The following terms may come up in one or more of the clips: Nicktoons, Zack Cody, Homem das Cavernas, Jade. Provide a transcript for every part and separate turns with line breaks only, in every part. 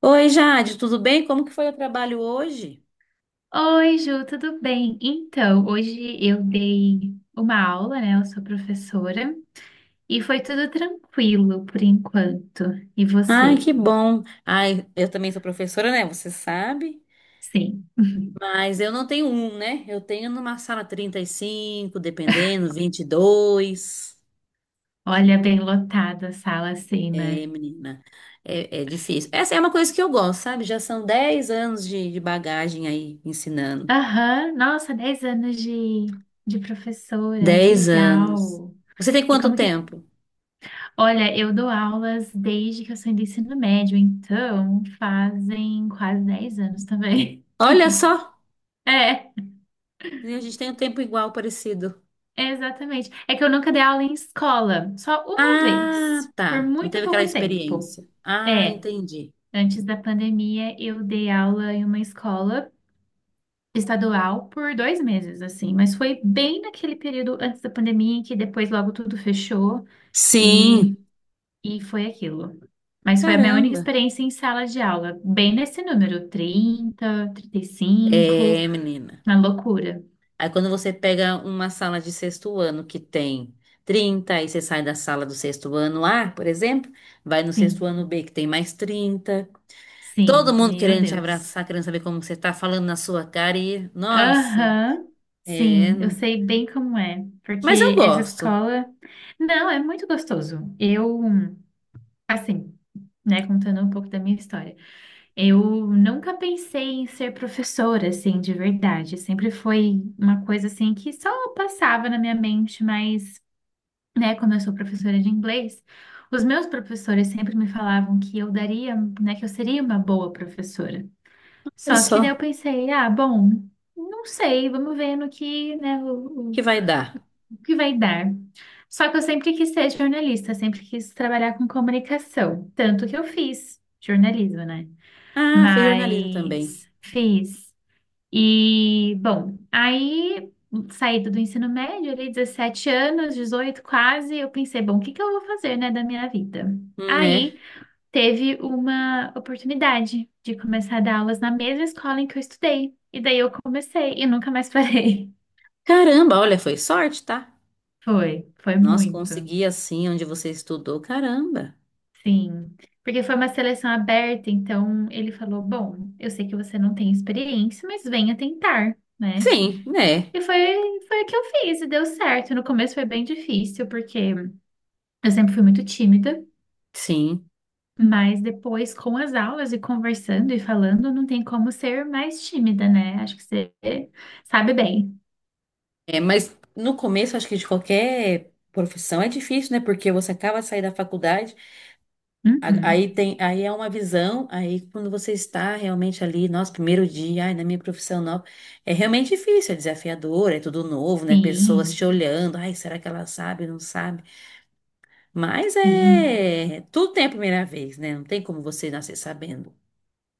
Oi, Jade, tudo bem? Como que foi o trabalho hoje?
Oi, Ju, tudo bem? Então, hoje eu dei uma aula, né? Eu sou professora e foi tudo tranquilo por enquanto. E
Ai, que
você?
bom. Ai, eu também sou professora, né? Você sabe.
Sim.
Mas eu não tenho um, né? Eu tenho numa sala 35, dependendo, 22.
Olha, bem lotada a sala assim,
É,
né?
menina, é difícil. Essa é uma coisa que eu gosto, sabe? Já são 10 anos de bagagem aí ensinando.
Aham, nossa, 10 anos de professora, que
10 anos.
legal.
Você tem
E
quanto
como que.
tempo?
Olha, eu dou aulas desde que eu saí do ensino médio, então fazem quase 10 anos também.
Olha só,
É.
a gente tem um tempo igual, parecido.
Exatamente. É que eu nunca dei aula em escola, só uma
Ah,
vez, por
tá. Não
muito
teve aquela
pouco tempo.
experiência. Ah,
É,
entendi.
antes da pandemia eu dei aula em uma escola estadual por 2 meses, assim, mas foi bem naquele período antes da pandemia, em que depois logo tudo fechou e,
Sim.
e foi aquilo. Mas foi a minha única
Caramba.
experiência em sala de aula, bem nesse número, 30, 35,
É, menina.
na loucura.
Aí quando você pega uma sala de sexto ano que tem 30, aí você sai da sala do sexto ano A, por exemplo, vai no sexto
Sim,
ano B que tem mais 30. Todo
sim,
mundo
meu
querendo te
Deus.
abraçar, querendo saber como você tá falando na sua cara e, nossa,
Aham,
é.
sim, eu sei bem como é,
Mas eu
porque essa
gosto.
escola, não, é muito gostoso. Eu, assim, né, contando um pouco da minha história, eu nunca pensei em ser professora, assim, de verdade. Sempre foi uma coisa, assim, que só passava na minha mente, mas, né, como eu sou professora de inglês, os meus professores sempre me falavam que eu daria, né, que eu seria uma boa professora.
Olha
Só que daí eu
só,
pensei, ah, bom, não sei, vamos ver no que, né,
que vai dar.
o que vai dar. Só que eu sempre quis ser jornalista, sempre quis trabalhar com comunicação, tanto que eu fiz jornalismo, né?
Ah, fez jornalismo também.
Mas fiz. E, bom, aí saída do ensino médio, ali 17 anos, 18 quase, eu pensei, bom, o que que eu vou fazer, né, da minha vida?
Né?
Aí teve uma oportunidade de começar a dar aulas na mesma escola em que eu estudei. E daí eu comecei e nunca mais parei.
Caramba, olha, foi sorte, tá?
Foi, foi
Nossa,
muito.
consegui assim onde você estudou, caramba.
Sim. Porque foi uma seleção aberta, então ele falou: Bom, eu sei que você não tem experiência, mas venha tentar, né?
Sim, né?
E foi, foi o que eu fiz e deu certo. No começo foi bem difícil, porque eu sempre fui muito tímida,
Sim.
mas depois, com as aulas e conversando e falando, não tem como ser mais tímida, né? Acho que você sabe bem.
É, mas no começo, acho que de qualquer profissão é difícil, né? Porque você acaba de sair da faculdade,
Uhum.
aí tem, aí é uma visão, aí quando você está realmente ali, nosso primeiro dia, ai, na minha profissão nova, é realmente difícil, é desafiador, é tudo novo, né? Pessoas
Sim,
te olhando, ai, será que ela sabe, não sabe? Mas
sim,
é, tudo tem a primeira vez, né? Não tem como você nascer sabendo.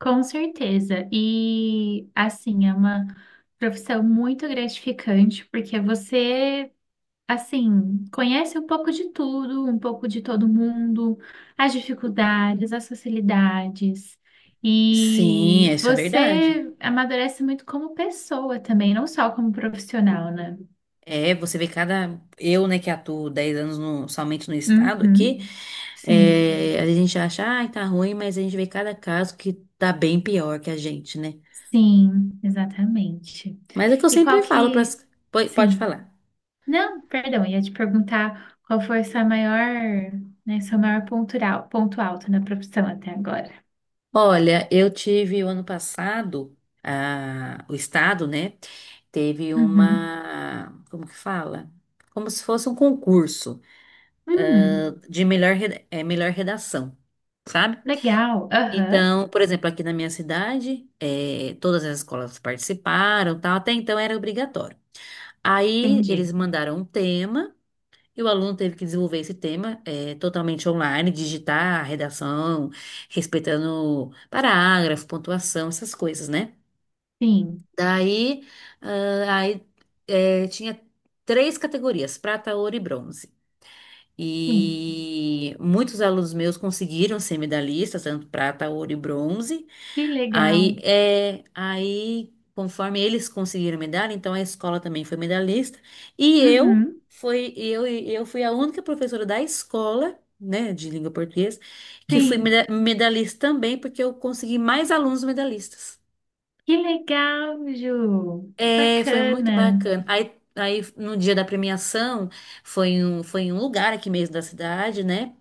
com certeza. E assim, é uma profissão muito gratificante, porque você, assim, conhece um pouco de tudo, um pouco de todo mundo, as dificuldades, as facilidades. E
Sim, isso é verdade.
você amadurece muito como pessoa também, não só como profissional, né?
É, você vê cada. Eu, né, que atuo 10 anos somente no estado aqui,
Uhum. Sim,
a gente acha, ai, tá ruim, mas a gente vê cada caso que tá bem pior que a gente, né?
sim, exatamente.
Mas é que eu
E qual
sempre falo para.
que.
Pode
Sim.
falar.
Não, perdão, ia te perguntar qual foi sua maior, né, seu maior ponto, ponto alto na profissão até agora.
Olha, eu tive o ano passado, a, o estado, né, teve
Uhum.
uma. Como que fala? Como se fosse um concurso
Hum,
de melhor, melhor redação, sabe?
legal. Aham,
Então, por exemplo, aqui na minha cidade, todas as escolas participaram, tal, até então era obrigatório. Aí
entendi.
eles mandaram um tema e o aluno teve que desenvolver esse tema, totalmente online, digitar a redação, respeitando parágrafo, pontuação, essas coisas, né?
Sim,
Daí, ah, aí, tinha três categorias, prata, ouro e bronze.
sim.
E muitos alunos meus conseguiram ser medalhistas, tanto prata, ouro e bronze.
Que legal.
Aí, conforme eles conseguiram medalha, então a escola também foi medalhista. E eu
Uhum,
fui, eu, eu fui a única professora da escola, né, de língua portuguesa, que fui
sim.
medalhista também, porque eu consegui mais alunos medalhistas.
Que legal, Ju. Que
É, foi muito
bacana.
bacana. Aí, no dia da premiação, foi em um lugar aqui mesmo da cidade, né?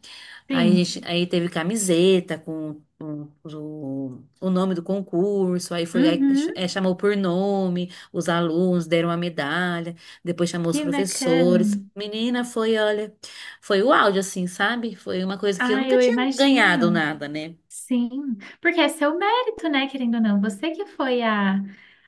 Aí, a
Sim.
gente, aí teve camiseta com o nome do concurso, aí foi, aí,
Uhum,
chamou por nome, os alunos deram a medalha, depois chamou os
que bacana.
professores. Menina, foi, olha, foi o áudio, assim, sabe? Foi uma coisa que eu
Ah,
nunca
eu
tinha ganhado
imagino.
nada, né?
Sim, porque é seu mérito, né, querendo ou não. Você que foi a,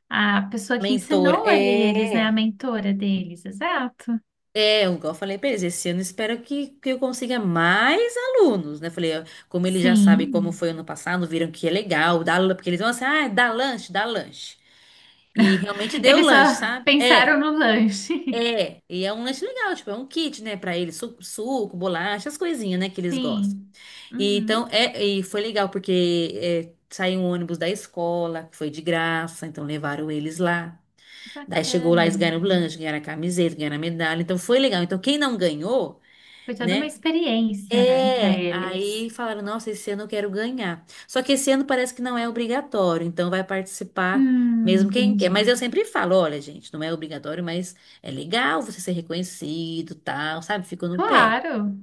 a pessoa que
Mentora,
ensinou ali eles, né, a
é.
mentora deles, exato.
É, igual eu falei pra eles, esse ano espero que eu consiga mais alunos, né? Falei, ó, como eles já sabem como
Sim.
foi ano passado, viram que é legal, dá, porque eles vão assim, ah, dá lanche, dá lanche. E realmente deu
Eles só
lanche, sabe? É,
pensaram no lanche.
é. E é um lanche legal, tipo, é um kit, né, pra eles, suco, bolacha, as coisinhas, né, que eles gostam.
Sim.
E então,
Uhum.
é, e foi legal, porque saiu um ônibus da escola, que foi de graça, então levaram eles lá. Daí chegou lá, eles
Bacana.
ganharam o lanche, ganharam a camiseta, ganharam a medalha. Então foi legal. Então quem não ganhou,
Foi toda uma
né?
experiência, né, para
É,
eles.
aí falaram, nossa, esse ano eu quero ganhar. Só que esse ano parece que não é obrigatório, então vai participar mesmo quem quer. Mas eu
Entendi.
sempre falo, olha, gente, não é obrigatório, mas é legal você ser reconhecido, tal, sabe? Ficou no pé.
Claro.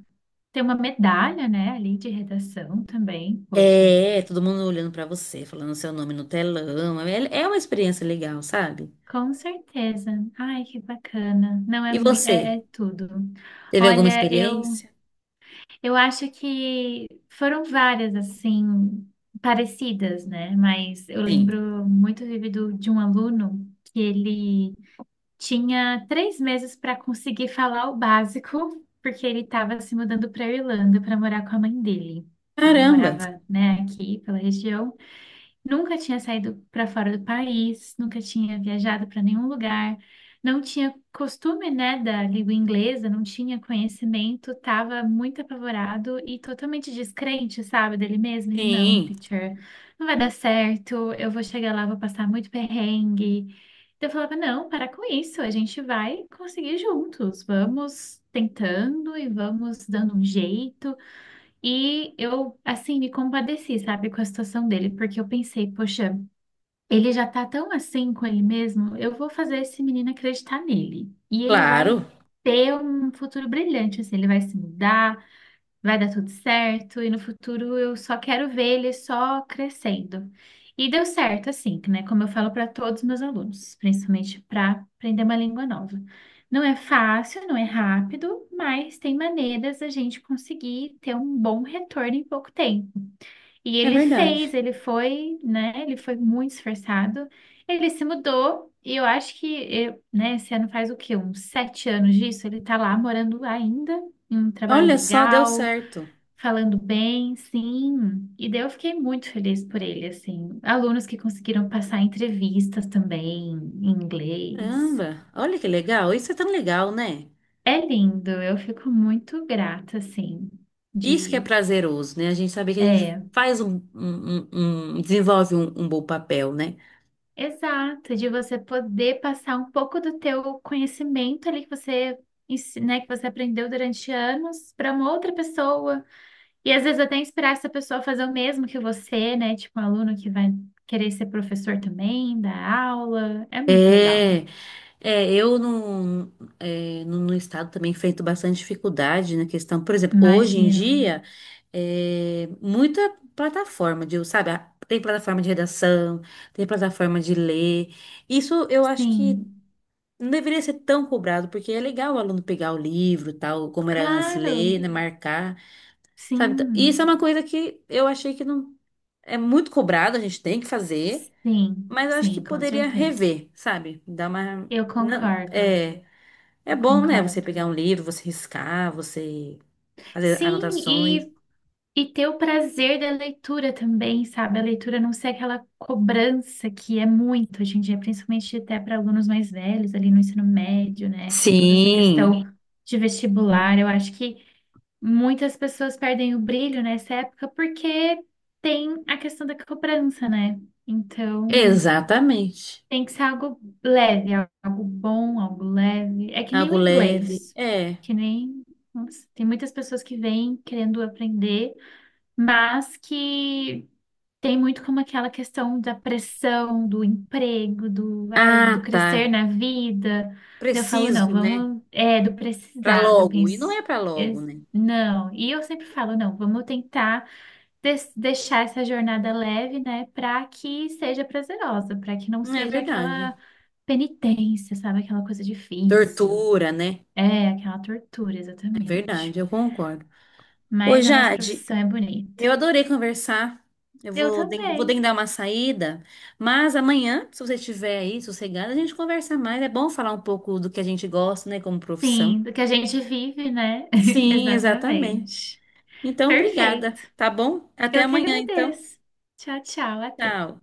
Tem uma medalha, né, ali de redação também. Poxa.
É, todo mundo olhando pra você, falando seu nome no telão. É, é uma experiência legal, sabe?
Com certeza. Ai, que bacana. Não é
E
muito, é,
você?
é tudo.
Teve alguma
Olha, eu
experiência?
eu acho que foram várias assim parecidas, né? Mas eu
Sim.
lembro muito vívido de um aluno que ele tinha 3 meses para conseguir falar o básico, porque ele estava se mudando para a Irlanda para morar com a mãe dele. Ele
Caramba.
morava, né, aqui pela região. Nunca tinha saído para fora do país, nunca tinha viajado para nenhum lugar, não tinha costume, né, da língua inglesa, não tinha conhecimento, estava muito apavorado e totalmente descrente, sabe, dele mesmo. Ele, não,
Sim.
teacher, não vai dar certo, eu vou chegar lá, vou passar muito perrengue. Então eu falava, não, para com isso, a gente vai conseguir juntos, vamos tentando e vamos dando um jeito. E eu, assim, me compadeci, sabe, com a situação dele, porque eu pensei, poxa. Ele já tá tão assim com ele mesmo, eu vou fazer esse menino acreditar nele. E ele vai
Claro,
ter um futuro brilhante, assim, ele vai se mudar, vai dar tudo certo, e no futuro eu só quero ver ele só crescendo. E deu certo, assim, né? Como eu falo para todos os meus alunos, principalmente para aprender uma língua nova. Não é fácil, não é rápido, mas tem maneiras da gente conseguir ter um bom retorno em pouco tempo. E
é
ele
verdade.
fez, ele foi, né? Ele foi muito esforçado. Ele se mudou e eu acho que, né? Esse ano faz o quê? Uns 7 anos disso. Ele tá lá morando ainda, em um trabalho
Olha só, deu
legal,
certo.
falando bem, sim. E daí eu fiquei muito feliz por ele, assim. Alunos que conseguiram passar entrevistas também em inglês.
Caramba, olha que legal. Isso é tão legal, né?
É lindo, eu fico muito grata, assim,
Isso que é
de.
prazeroso, né? A gente saber que a gente
É
faz um, desenvolve um bom papel, né?
Exato, de você poder passar um pouco do teu conhecimento ali que você, né, que você aprendeu durante anos para uma outra pessoa. E às vezes até inspirar essa pessoa a fazer o mesmo que você, né? Tipo um aluno que vai querer ser professor também, dar aula. É muito legal.
É, é eu no estado também enfrento bastante dificuldade na questão. Por exemplo, hoje em
Imagino.
dia, muita plataforma de, sabe, tem plataforma de redação, tem plataforma de ler. Isso eu acho que
Sim,
não deveria ser tão cobrado, porque é legal o aluno pegar o livro, tal, como era antes, ler,
claro.
né, marcar, sabe? Então, isso é
Sim,
uma coisa que eu achei que não é muito cobrado, a gente tem que fazer,
sim,
mas eu acho que
sim, com
poderia
certeza.
rever, sabe? Dar uma.
Eu
Não,
concordo,
é
eu
bom, né, você
concordo.
pegar um livro, você riscar, você fazer
Sim,
anotações.
e ter o prazer da leitura também, sabe? A leitura não ser aquela cobrança que é muito hoje em dia, principalmente até para alunos mais velhos, ali no ensino médio, né? Com toda essa
Sim,
questão de vestibular. Eu acho que muitas pessoas perdem o brilho nessa época porque tem a questão da cobrança, né? Então,
exatamente.
tem que ser algo leve, algo bom, algo leve. É que nem o
Algo leve.
inglês,
É.
que nem. Nossa, tem muitas pessoas que vêm querendo aprender mas que tem muito como aquela questão da pressão, do emprego, do, ai, do
Ah, tá.
crescer na vida. Daí eu falo, não,
Preciso, né?
vamos, é, do
Pra
precisado. Eu
logo. E não
penso,
é pra logo,
es-
né?
não. E eu sempre falo, não, vamos tentar deixar essa jornada leve, né, para que seja prazerosa, para que não
Não é
seja
verdade.
aquela penitência, sabe, aquela coisa difícil.
Tortura, né?
É, aquela tortura,
É verdade,
exatamente.
eu concordo. Ô,
Mas a nossa
Jade,
profissão é bonita.
eu adorei conversar. Eu
Eu
vou, vou
também.
dar uma saída, mas amanhã, se você estiver aí sossegada, a gente conversa mais. É bom falar um pouco do que a gente gosta, né, como profissão.
Sim, do que a gente vive, né?
Sim, exatamente.
Exatamente.
Então,
Perfeito.
obrigada, tá bom? Até
Eu que
amanhã, então.
agradeço. Tchau, tchau, até.
Tchau.